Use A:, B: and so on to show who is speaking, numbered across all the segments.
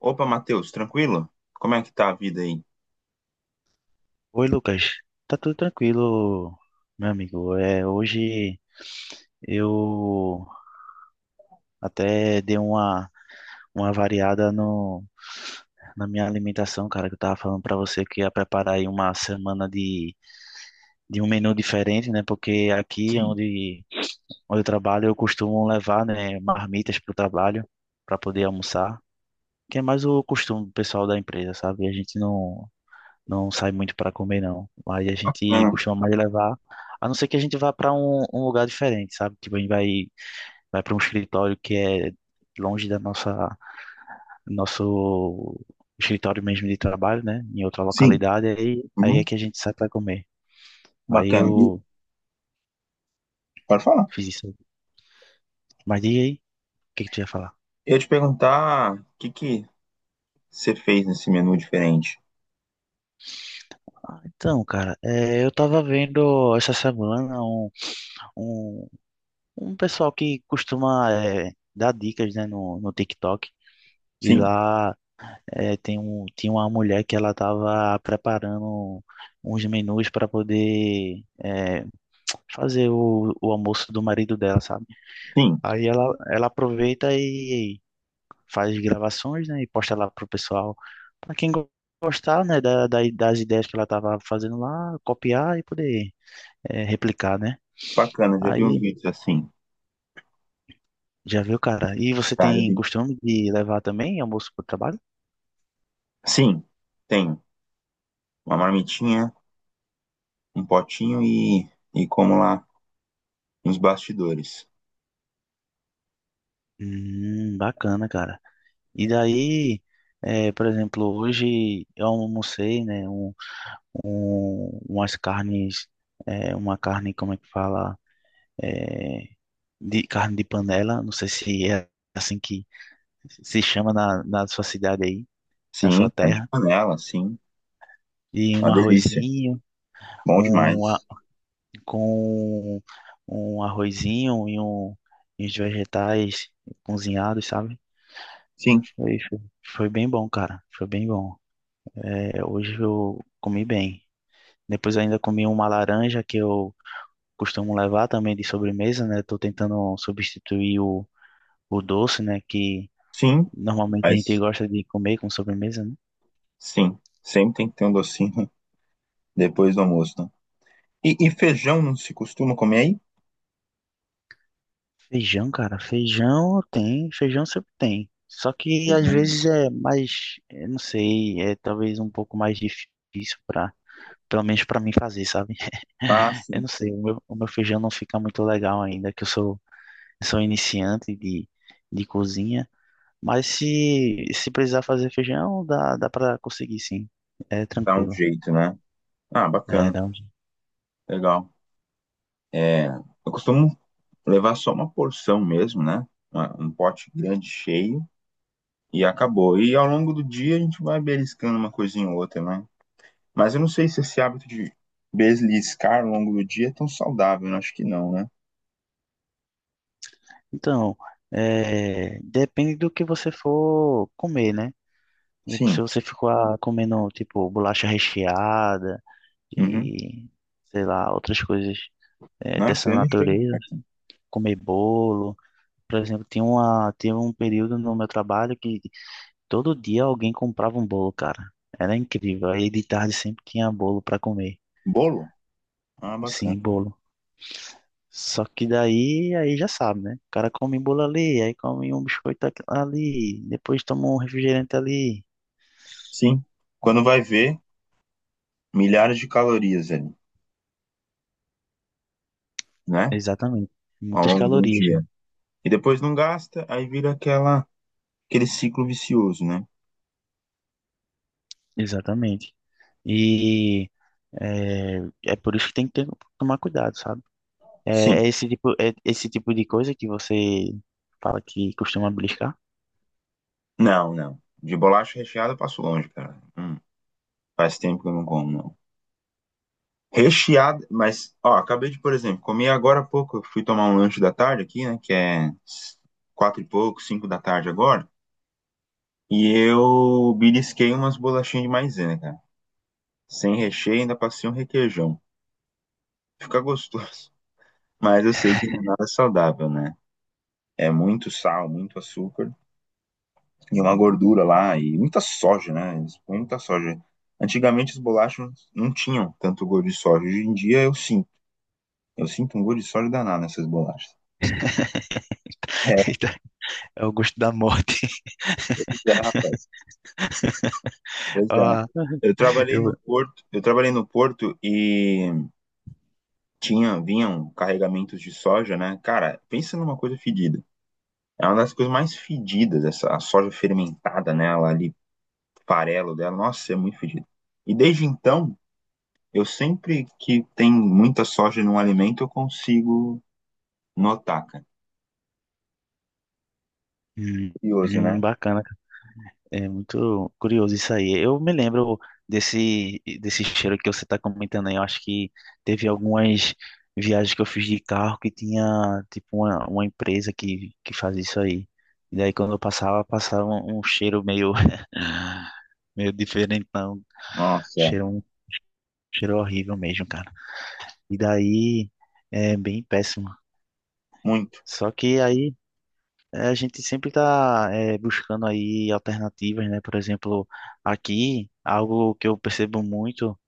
A: Opa, Matheus, tranquilo? Como é que tá a vida aí?
B: Oi, Lucas. Tá tudo tranquilo, meu amigo. Hoje eu até dei uma variada no, na minha alimentação, cara, que eu tava falando pra você que ia preparar aí uma semana de um menu diferente, né? Porque
A: Sim,
B: onde eu trabalho, eu costumo levar, né, marmitas pro trabalho pra poder almoçar, que é mais o costume do pessoal da empresa, sabe? A gente não, não sai muito para comer, não. Aí a gente
A: bacana.
B: costuma mais levar, a não ser que a gente vá para um lugar diferente, sabe? Tipo, vai para um escritório que é longe da nosso escritório mesmo de trabalho, né? Em outra
A: Sim,
B: localidade, aí é
A: uhum,
B: que a gente sai para comer. Aí
A: bacana. E-
B: eu
A: pode falar.
B: fiz isso. Mas diga aí, o que que tu ia falar?
A: Eu ia te perguntar o que que você fez nesse menu diferente.
B: Então, cara, eu tava vendo essa semana um, um pessoal que costuma dar dicas, né, no TikTok. E
A: Sim,
B: lá É, tinha uma mulher que ela estava preparando uns menus para poder fazer o almoço do marido dela, sabe?
A: sim,
B: Aí ela aproveita e faz gravações, né, e posta lá pro pessoal, para gostar, né, das ideias que ela estava fazendo lá, copiar e poder replicar, né?
A: bacana. Já vi uns
B: Aí
A: vídeos assim.
B: já viu, cara. E você
A: Tá, já
B: tem
A: vi.
B: costume de levar também almoço pro trabalho?
A: Sim, tem uma marmitinha, um potinho e como lá, uns bastidores.
B: Bacana, cara. E daí, por exemplo, hoje eu almocei, né, umas carnes, uma carne, como é que fala, eh, de carne de panela, não sei se é assim que se chama na sua cidade aí, na sua
A: Sim, carne de
B: terra,
A: panela, sim.
B: e
A: Uma
B: um
A: delícia.
B: arrozinho,
A: Bom
B: um, a-
A: demais.
B: com um arrozinho e e uns vegetais cozinhados, sabe?
A: Sim,
B: Foi, foi foi bem bom, cara, foi bem bom. É, hoje eu comi bem. Depois eu ainda comi uma laranja que eu costumo levar também de sobremesa, né? Tô tentando substituir o doce, né? Que
A: sim,
B: normalmente a gente
A: mas
B: gosta de comer com sobremesa, né?
A: sim, sempre tem que ter um docinho depois do almoço, né? E feijão não se costuma comer aí?
B: Feijão, cara, feijão tem, feijão sempre tem. Só que às
A: Feijão, né?
B: vezes é mais, eu não sei, é talvez um pouco mais difícil para, pelo menos para mim fazer, sabe?
A: Ah,
B: Eu
A: sim,
B: não sei, o meu feijão não fica muito legal ainda, eu sou iniciante de cozinha. Mas se precisar fazer feijão, dá para conseguir, sim. É
A: dá um
B: tranquilo.
A: jeito, né? Ah,
B: É,
A: bacana,
B: dá um-
A: legal. É, eu costumo levar só uma porção mesmo, né? Uma- um pote grande, cheio, e acabou. E ao longo do dia a gente vai beliscando uma coisinha ou outra, né? Mas eu não sei se esse hábito de beliscar ao longo do dia é tão saudável, eu acho que não, né?
B: Então, depende do que você for comer, né? Tipo,
A: Sim.
B: se você ficar comendo, tipo, bolacha recheada
A: Uhum.
B: e, sei lá, outras coisas
A: Nossa,
B: dessa
A: eu não chego
B: natureza,
A: perto.
B: comer bolo. Por exemplo, tinha um período no meu trabalho que todo dia alguém comprava um bolo, cara. Era incrível. Aí de tarde sempre tinha bolo para comer.
A: Bolo? Ah, bacana.
B: Sim, bolo. Só que daí, aí já sabe, né? O cara come bolo ali, aí come um biscoito ali, depois toma um refrigerante ali.
A: Sim. Quando vai ver, milhares de calorias ali, né?
B: Exatamente.
A: Ao
B: Muitas
A: longo do
B: calorias,
A: dia.
B: cara.
A: E depois não gasta, aí vira aquela, aquele ciclo vicioso, né?
B: Exatamente. E é, por isso que tem que ter- tomar cuidado, sabe?
A: Sim.
B: É esse tipo de coisa que você fala que costuma beliscar?
A: Não, não. De bolacha recheada eu passo longe, cara. Faz tempo que eu não como, não. Recheada, mas, ó, acabei de, por exemplo, comer agora há pouco. Eu fui tomar um lanche da tarde aqui, né? Que é quatro e pouco, cinco da tarde agora. E eu belisquei umas bolachinhas de maisena, cara. Sem recheio, ainda passei um requeijão. Fica gostoso. Mas eu sei que não é nada saudável, né? É muito sal, muito açúcar, e uma gordura lá, e muita soja, né? Eles põem muita soja. Antigamente as bolachas não tinham tanto gosto de soja. Hoje em dia eu sinto. Eu sinto um gosto de soja danado nessas bolachas. É,
B: Eita, é o gosto da morte.
A: pois é, rapaz. Pois é.
B: Ó,
A: Eu trabalhei no
B: eu...
A: porto, eu trabalhei no porto e tinha, vinham carregamentos de soja, né? Cara, pensa numa coisa fedida. É uma das coisas mais fedidas, essa a soja fermentada, né? Ela ali, farelo dela, nossa, é muito fedido. E desde então, eu sempre que tem muita soja num alimento, eu consigo notar, cara.
B: Hum,
A: Curioso, né?
B: bacana. É muito curioso isso aí. Eu me lembro desse cheiro que você está comentando aí. Eu acho que teve algumas viagens que eu fiz de carro que tinha, tipo, uma empresa que faz isso aí. E daí, quando eu passava, passava um cheiro meio, meio diferentão.
A: Nossa, é.
B: Cheiro, um cheiro horrível mesmo, cara. E daí, é bem péssimo.
A: Muito.
B: Só que aí... É, a gente sempre está buscando aí alternativas, né? Por exemplo, aqui, algo que eu percebo muito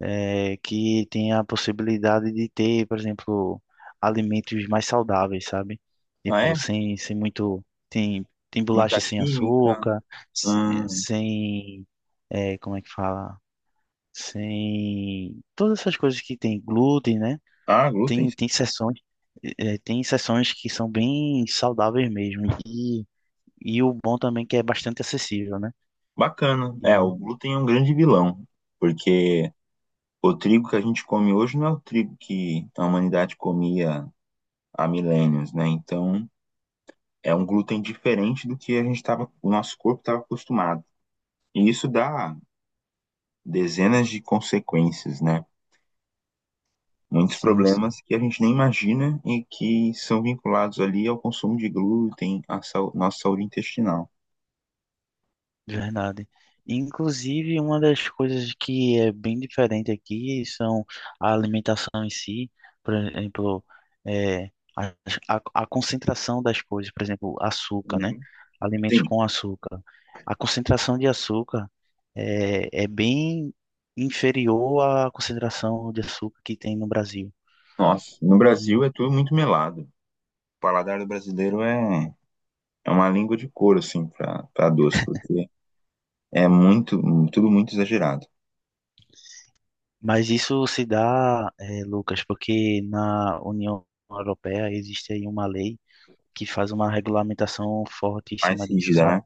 B: é que tem a possibilidade de ter, por exemplo, alimentos mais saudáveis, sabe?
A: Ah,
B: Tipo,
A: é?
B: sem muito. Tem bolacha
A: Muita
B: sem
A: química.
B: açúcar,
A: Hum.
B: sem. É, como é que fala? Sem. Todas essas coisas que tem glúten, né?
A: Ah, glúten.
B: Tem seções. Tem sessões que são bem saudáveis mesmo. E o bom também é que é bastante acessível, né?
A: Bacana. É,
B: E, é,
A: o glúten é um grande vilão, porque o trigo que a gente come hoje não é o trigo que a humanidade comia há milênios, né? Então, é um glúten diferente do que a gente tava, o nosso corpo estava acostumado. E isso dá dezenas de consequências, né? Muitos
B: sim, sim,
A: problemas que a gente nem imagina e que são vinculados ali ao consumo de glúten, à sau- nossa saúde intestinal.
B: verdade. Inclusive, uma das coisas que é bem diferente aqui são a alimentação em si, por exemplo, é, a, a concentração das coisas, por exemplo, açúcar, né?
A: Uhum.
B: Alimentos
A: Sim,
B: com açúcar. A concentração de açúcar é bem inferior à concentração de açúcar que tem no Brasil.
A: nossa, no Brasil é tudo muito melado. O paladar do brasileiro é, é uma língua de couro, assim, para para doce, porque é muito, tudo muito exagerado.
B: Mas isso se dá, Lucas, porque na União Europeia existe aí uma lei que faz uma regulamentação forte em
A: Mais
B: cima disso,
A: rígida,
B: sabe?
A: né?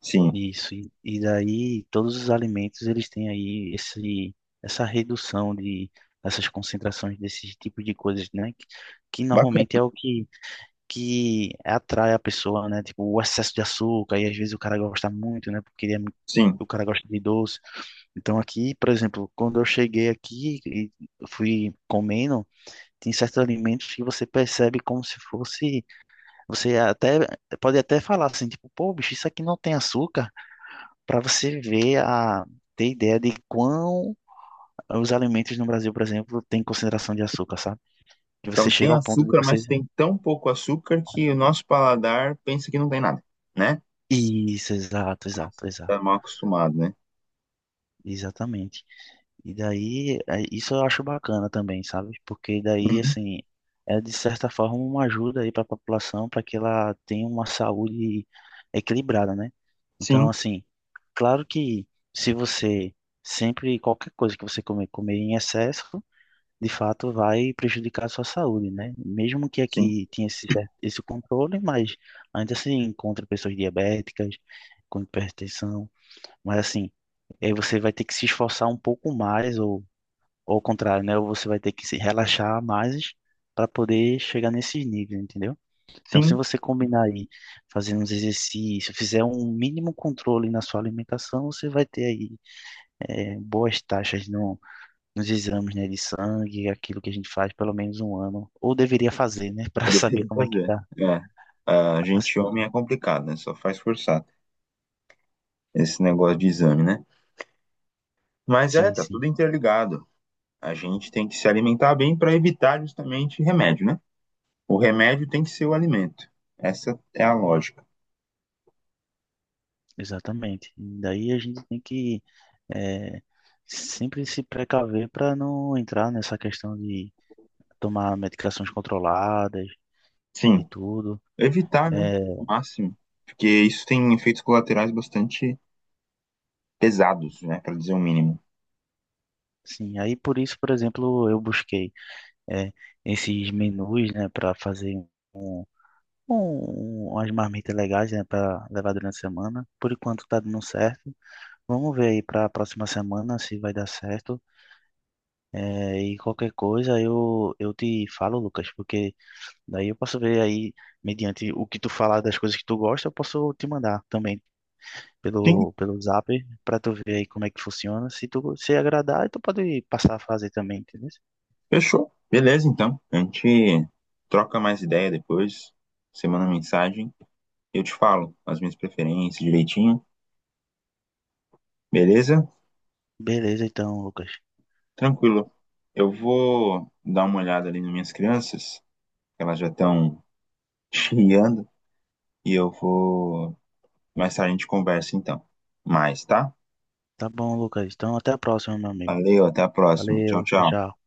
A: Sim,
B: Isso. E daí todos os alimentos eles têm aí essa redução de essas concentrações desses tipos de coisas, né? Que normalmente
A: bacana,
B: é o que, que atrai a pessoa, né? Tipo, o excesso de açúcar, e às vezes o cara gosta muito, né? Porque ele é, mu-
A: sim.
B: o cara gosta de doce. Então aqui, por exemplo, quando eu cheguei aqui e fui comendo, tem certos alimentos que você percebe como se fosse, você até pode até falar assim, tipo, pô, bicho, isso aqui não tem açúcar, para você ver a ter ideia de quão os alimentos no Brasil, por exemplo, têm concentração de açúcar, sabe? Que você
A: Então
B: chega
A: tem
B: ao ponto de
A: açúcar,
B: você
A: mas tem tão pouco açúcar que o nosso paladar pensa que não tem nada, né?
B: Isso, exato, exato,
A: Nossa,
B: exato.
A: tá mal acostumado, né?
B: Exatamente. E daí, isso eu acho bacana também, sabe? Porque daí,
A: Uhum.
B: assim, é de certa forma uma ajuda aí para a população para que ela tenha uma saúde equilibrada, né?
A: Sim,
B: Então, assim, claro que se você sempre, qualquer coisa que você comer, comer em excesso, de fato vai prejudicar a sua saúde, né? Mesmo que
A: sim.
B: aqui tenha esse, cer- esse controle, mas ainda se encontra pessoas diabéticas, com hipertensão, mas assim, aí você vai ter que se esforçar um pouco mais, ou ao contrário, né? Ou você vai ter que se relaxar mais para poder chegar nesses níveis, entendeu? Então, se
A: Sim,
B: você combinar aí, fazendo uns exercícios, fizer um mínimo controle na sua alimentação, você vai ter aí boas taxas no, nos exames, né, de sangue, aquilo que a gente faz pelo menos um ano, ou deveria fazer, né, para
A: eu
B: saber
A: deveria
B: como é que
A: fazer.
B: tá
A: É. A
B: a
A: gente homem
B: situação.
A: é complicado, né? Só faz forçar esse negócio de exame, né? Mas é,
B: Sim,
A: tá
B: sim,
A: tudo interligado. A gente tem que se alimentar bem para evitar justamente remédio, né? O remédio tem que ser o alimento. Essa é a lógica.
B: exatamente. E daí a gente tem que é, sempre se precaver para não entrar nessa questão de tomar medicações controladas e
A: Sim,
B: tudo.
A: evitar, né?
B: É,
A: O máximo. Porque isso tem efeitos colaterais bastante pesados, né? Para dizer o mínimo.
B: sim, aí por isso, por exemplo, eu busquei é, esses menus, né, para fazer um, umas marmitas legais, né, para levar durante a semana. Por enquanto tá dando certo. Vamos ver aí para a próxima semana se vai dar certo. É, e qualquer coisa eu te falo, Lucas, porque daí eu posso ver aí, mediante o que tu falar das coisas que tu gosta, eu posso te mandar também
A: Sim,
B: pelo Zap pra tu ver aí como é que funciona. Se tu se agradar, aí tu pode passar a fazer também, entendeu?
A: fechou. Beleza, então. A gente troca mais ideia depois. Você manda mensagem. Eu te falo as minhas preferências direitinho, beleza?
B: Beleza, então, Lucas.
A: Tranquilo. Eu vou dar uma olhada ali nas minhas crianças, que elas já estão chiando, e eu vou. Mais tarde a gente conversa então. Mais, tá?
B: Tá bom, Lucas. Então, até a próxima, meu amigo.
A: Valeu, até a próxima. Tchau,
B: Valeu, tchau,
A: tchau.
B: tchau.